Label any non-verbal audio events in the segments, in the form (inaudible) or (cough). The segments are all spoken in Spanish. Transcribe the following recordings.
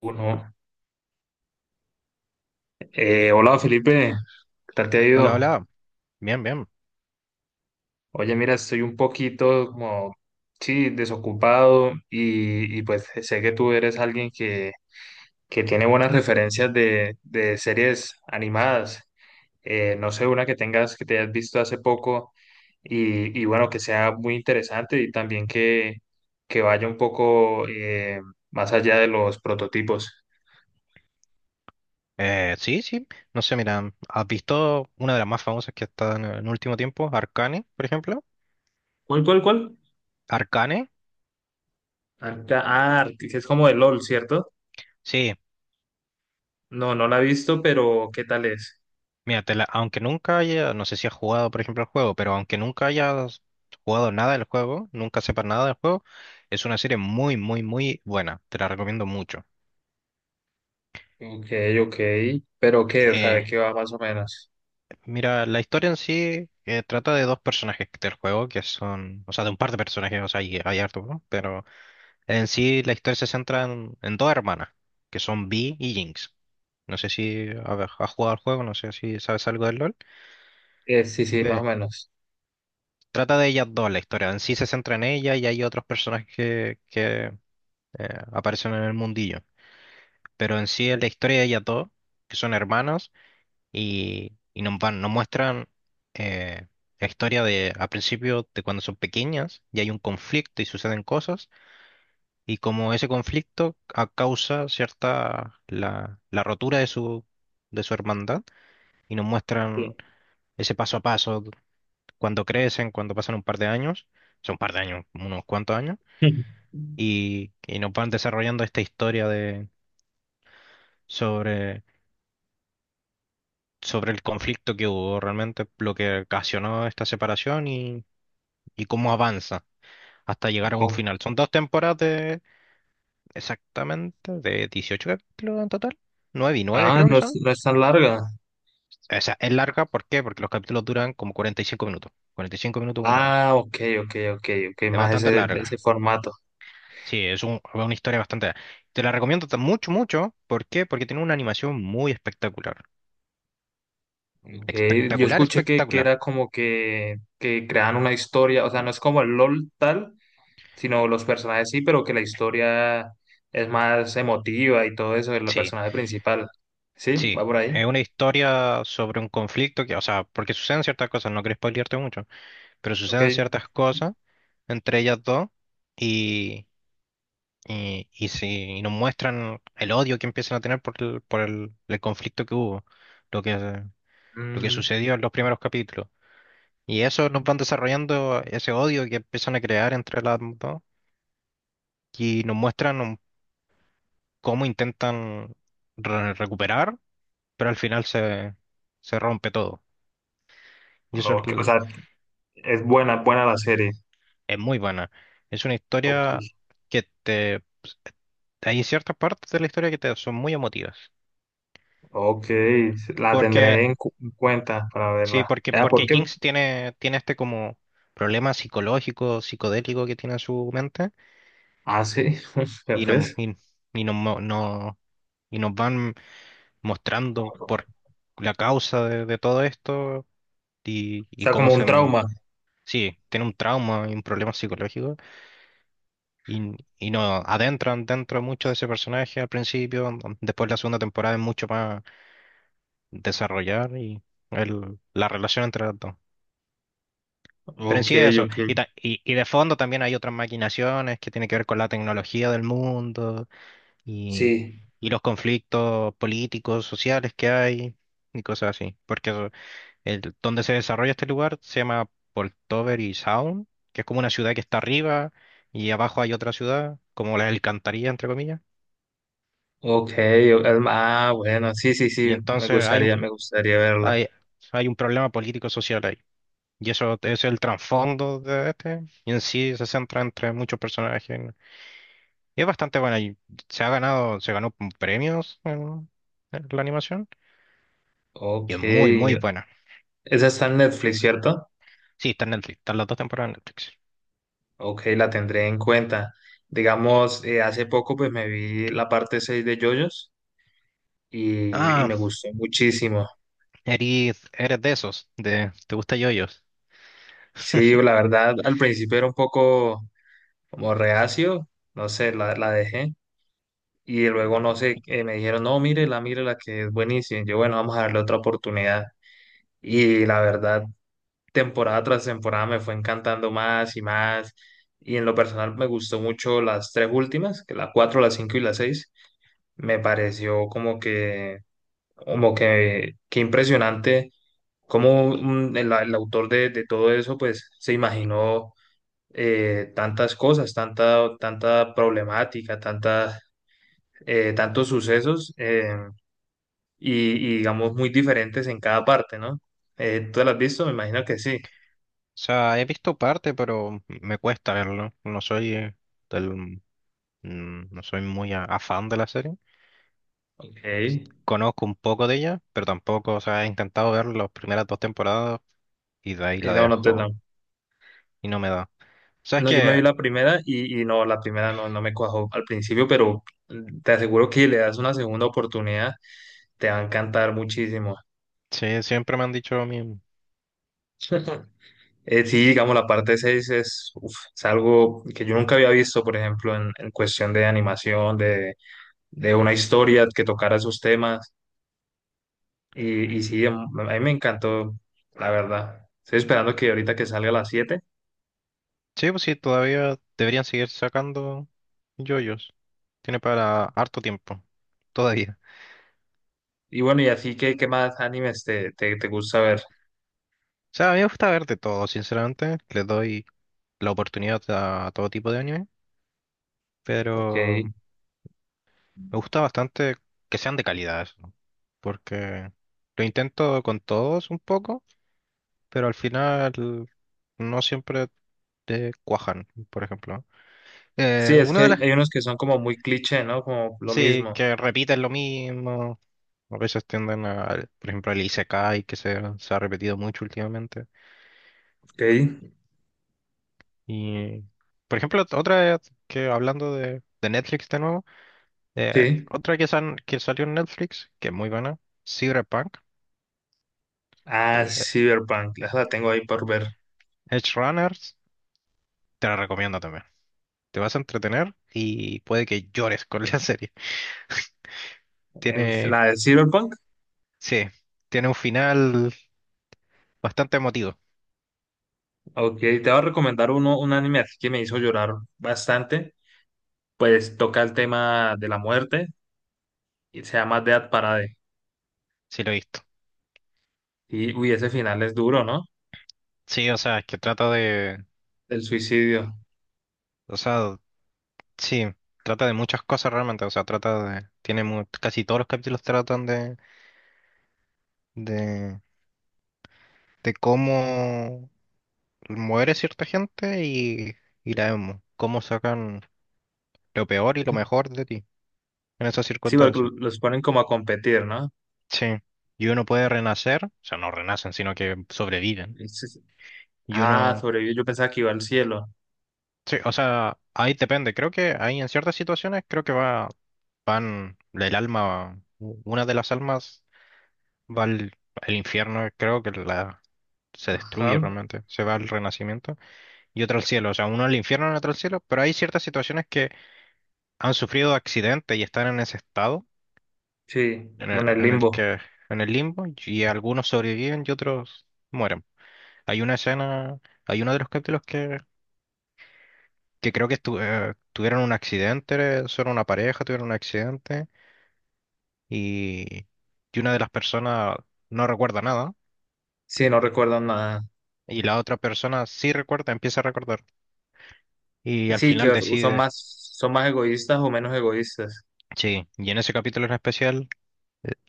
Uno. Hola Felipe, ¿qué tal te ha Hola, ido? hola. Bien, bien. Oye, mira, estoy un poquito como, sí, desocupado y pues sé que tú eres alguien que tiene buenas referencias de series animadas. No sé, una que tengas, que te hayas visto hace poco y bueno, que sea muy interesante y también que vaya un poco más allá de los prototipos. Sí, sí. No sé, mira, ¿has visto una de las más famosas que está en el último tiempo? Arcane, por ejemplo. ¿Cuál, cuál, cuál? Arcane, Ah, es como de LOL, ¿cierto? sí. No, no la he visto, pero ¿qué tal es? Mira, aunque nunca haya, no sé si has jugado, por ejemplo, el juego, pero aunque nunca hayas jugado nada del juego, nunca sepas nada del juego, es una serie muy, muy, muy buena. Te la recomiendo mucho. Ok, ok. ¿Pero qué? O sea, ¿de Eh, qué va más o menos? Mira, la historia en sí trata de dos personajes del juego, que son, o sea, de un par de personajes, o sea, hay harto, ¿no? En sí, la historia se centra en dos hermanas, que son Vi y Jinx. No sé si a ver, has jugado al juego, no sé si sabes algo del LoL. Sí, sí, más Eh, o menos. Trata de ellas dos la historia. En sí se centra en ella y hay otros personajes que aparecen en el mundillo. Pero en sí es la historia de ellas dos, que son hermanas, y, nos muestran eh, la historia de, a principio de cuando son pequeñas y hay un conflicto y suceden cosas y como ese conflicto causa cierta la rotura de su hermandad y nos Sí. muestran ese paso a paso cuando crecen, cuando pasan un par de años, son un par de años, unos cuantos años, (laughs) y nos van desarrollando esta historia sobre, sobre el conflicto que hubo realmente, lo que ocasionó esta separación y cómo avanza hasta llegar a un Ok. final. Son dos temporadas de exactamente de 18 capítulos en total. 9 y 9 Ah, creo que no es, son. no es tan larga. O sea, es larga, ¿por qué? Porque los capítulos duran como 45 minutos, 45 minutos, una hora. Ah, ok, ok, ok, ok, Es más bastante ese, de ese larga. formato. Sí, es una historia bastante larga. Te la recomiendo mucho, mucho. ¿Por qué? Porque tiene una animación muy espectacular. Yo Espectacular, escuché que espectacular. era como que crean una historia, o sea, no es como el LOL tal, sino los personajes sí, pero que la historia es más emotiva y todo eso, el Sí, personaje principal. ¿Sí? sí. ¿Va por ahí? Es una historia sobre un conflicto que, o sea, porque suceden ciertas cosas, no quiero spoilearte mucho, pero Ok. suceden ciertas cosas entre ellas dos y, sí, y nos muestran el odio que empiezan a tener por el conflicto que hubo lo que lo que Mm, sucedió en los primeros capítulos. Y eso nos van desarrollando ese odio que empiezan a crear entre las dos y nos muestran cómo intentan recuperar, pero al final se rompe todo. Y eso es, ok. O sea, es buena, buena la serie. es muy buena. Es una Ok, historia que te, pues, hay ciertas partes de la historia que te son muy emotivas. ok, la Porque, tendré en cuenta para sí. verla. porque, Ah, ¿por porque qué? Jinx tiene este como problema psicológico, psicodélico que tiene en su mente Ah, sí, (laughs) ya y no, ves. y, y no, no, no, y nos van mostrando O por la causa de todo esto y sea, cómo como se... un m- trauma. Sí, tiene un trauma y un problema psicológico y, y nos adentran dentro mucho de ese personaje al principio, después la segunda temporada es mucho más desarrollar y la relación entre los dos. Pero en Ok, sí eso, ok. y de fondo también hay otras maquinaciones que tienen que ver con la tecnología del mundo y, Sí, y los conflictos políticos, sociales que hay y cosas así, porque eso. El, donde se desarrolla este lugar se llama Poltover Sound, que es como una ciudad que está arriba y abajo hay otra ciudad, como la alcantarilla, entre comillas. ok. o- Ah, bueno, sí, sí, Y sí. Entonces Me gustaría verla. hay, hay un problema político-social ahí. Y eso es el trasfondo de este. Y en sí se centra entre muchos personajes. Y es bastante bueno. Y se ganó premios en la animación. Y es Ok. muy, muy buena. Esa está en Netflix, ¿cierto? Sí, está en Netflix. Están las dos temporadas en Netflix. Ok, la tendré en cuenta. Digamos, hace poco pues me vi la parte 6 de JoJo's y Ah, me gustó muchísimo. eres de esos. De, ¿te gusta yoyos? Sí, la verdad, al principio era un poco como reacio, no sé, la dejé. Y luego, no sé, me dijeron, no, mírela, mírela, que es buenísima. Y yo, bueno, vamos a darle otra oportunidad. Y la verdad, temporada tras temporada me fue encantando más y más. Y en lo personal me gustó mucho las tres últimas, que la cuatro, la cinco y la seis. Me pareció como que impresionante cómo el autor de todo eso, pues, se imaginó tantas cosas, tanta, tanta problemática, tantas, tantos sucesos digamos muy diferentes en cada parte, ¿no? ¿Tú la has visto? Me imagino que sí. O sea, he visto parte, pero me cuesta verlo. No soy del, no soy muy afán de la serie. Ok. Y Conozco un poco de ella, pero tampoco, o sea, he intentado ver las primeras dos temporadas y de ahí la no, no te no. dejo y no me da. ¿Sabes No, yo me qué? vi la primera y no, la primera no, no me cuajó al principio, pero te aseguro que le das una segunda oportunidad, te va a encantar muchísimo. Sí, siempre me han dicho a mí, (laughs) Sí, digamos, la parte 6 es, uf, es algo que yo nunca había visto, por ejemplo, en cuestión de animación, de una historia que tocara esos temas. Y sí, a mí me encantó, la verdad. Estoy esperando que ahorita que salga a las siete. sí, pues sí, todavía deberían seguir sacando yoyos. Tiene para harto tiempo, todavía. Y bueno, y así, ¿qué, más animes te gusta ver? O sea, a mí me gusta ver de todo, sinceramente. Le doy la oportunidad a todo tipo de anime, Ok. pero. Me gusta bastante que sean de calidad eso, ¿no? Porque lo intento con todos un poco, pero al final no siempre te cuajan, por ejemplo. Sí, es que Una de hay, las hay unos que son como muy cliché, ¿no? Como lo sí, mismo. que repiten lo mismo, a veces tienden a, por ejemplo, el Isekai que se ha repetido mucho últimamente. Ok. Y, por ejemplo, otra que hablando de Netflix de nuevo, eh, Sí. otra que salió en Netflix, que es muy buena, Cyberpunk, Ah, eh, Cyberpunk. Esa la tengo ahí por ver. Edge Runners. Te la recomiendo también. Te vas a entretener y puede que llores con la (laughs) serie. Tiene, La de Cyberpunk. sí, tiene un final bastante emotivo, Ok, te voy a recomendar un anime así que me hizo llorar bastante. Pues toca el tema de la muerte y se llama Death Parade. si lo he visto. Y, uy, ese final es duro, ¿no? Sí, o sea, es que trata de, El suicidio. o sea, sí, trata de muchas cosas realmente, o sea, trata de, casi todos los capítulos tratan de, de cómo muere cierta gente y cómo sacan lo peor y lo mejor de ti en esas Sí, porque circunstancias. los ponen como a competir, ¿no? Sí, y uno puede renacer, o sea, no renacen, sino que sobreviven. Y sí, sí. Y Ah, uno, sobrevivió. Yo pensaba que iba al cielo. sí, o sea, ahí depende. Creo que ahí en ciertas situaciones creo que van el alma, una de las almas va al infierno, creo que la se Ajá. destruye realmente, se va al renacimiento y otra al cielo, o sea, uno al infierno y otro al cielo, pero hay ciertas situaciones que han sufrido accidentes y están en ese estado Sí, como en el en el limbo. que en el limbo y algunos sobreviven y otros mueren. Hay una escena, hay uno de los capítulos que creo que tuvieron un accidente, son una pareja, tuvieron un accidente y, una de las personas no recuerda nada Sí, no recuerdo nada. y la otra persona sí recuerda, empieza a recordar y al Sí, final que son decide, más, son más egoístas o menos egoístas. sí, y en ese capítulo en especial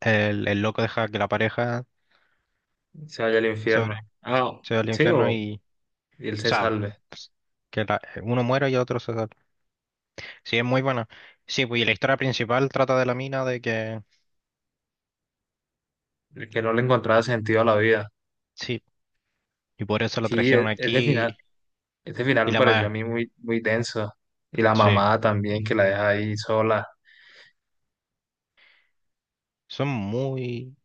el loco deja que la pareja Se vaya al sobre, infierno. Ah, se va al sí, infierno o y, o y él se sea, salve. pues, uno muera y el otro se salva. Sí, es muy buena. Sí, pues y la historia principal trata de la mina de que. El que no le encontraba sentido a la vida. Sí, y por eso la Sí, e- trajeron aquí. ese final Y me la pareció a más, mí muy, muy denso. Y la sí, mamá también, que la deja ahí sola. son muy,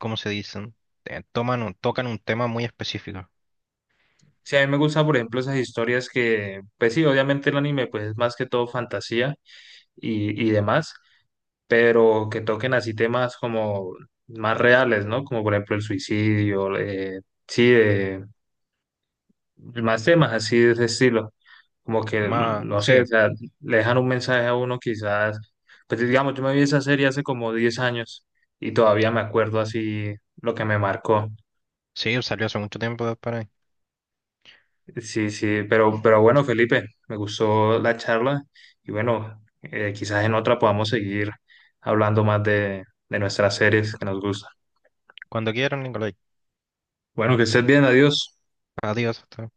¿cómo se dicen? Tocan un tema muy específico. Sí, a mí me gusta, por ejemplo, esas historias que, pues sí, obviamente el anime pues es más que todo fantasía y demás, pero que toquen así temas como más reales, ¿no? Como por ejemplo el suicidio, sí, de, más temas así de ese estilo, como que, Más, no sé, sí, o sea, le dejan un mensaje a uno quizás, pues digamos, yo me vi esa serie hace como 10 años y todavía me acuerdo así lo que me marcó. sí, salió hace mucho tiempo de por ahí. Sí, sí, pero bueno, Felipe, me gustó la charla y bueno, quizás en otra podamos seguir hablando más de, nuestras series que nos gustan. Cuando quieran, Nicolai. Bueno, que estés bien, adiós. Adiós. Hasta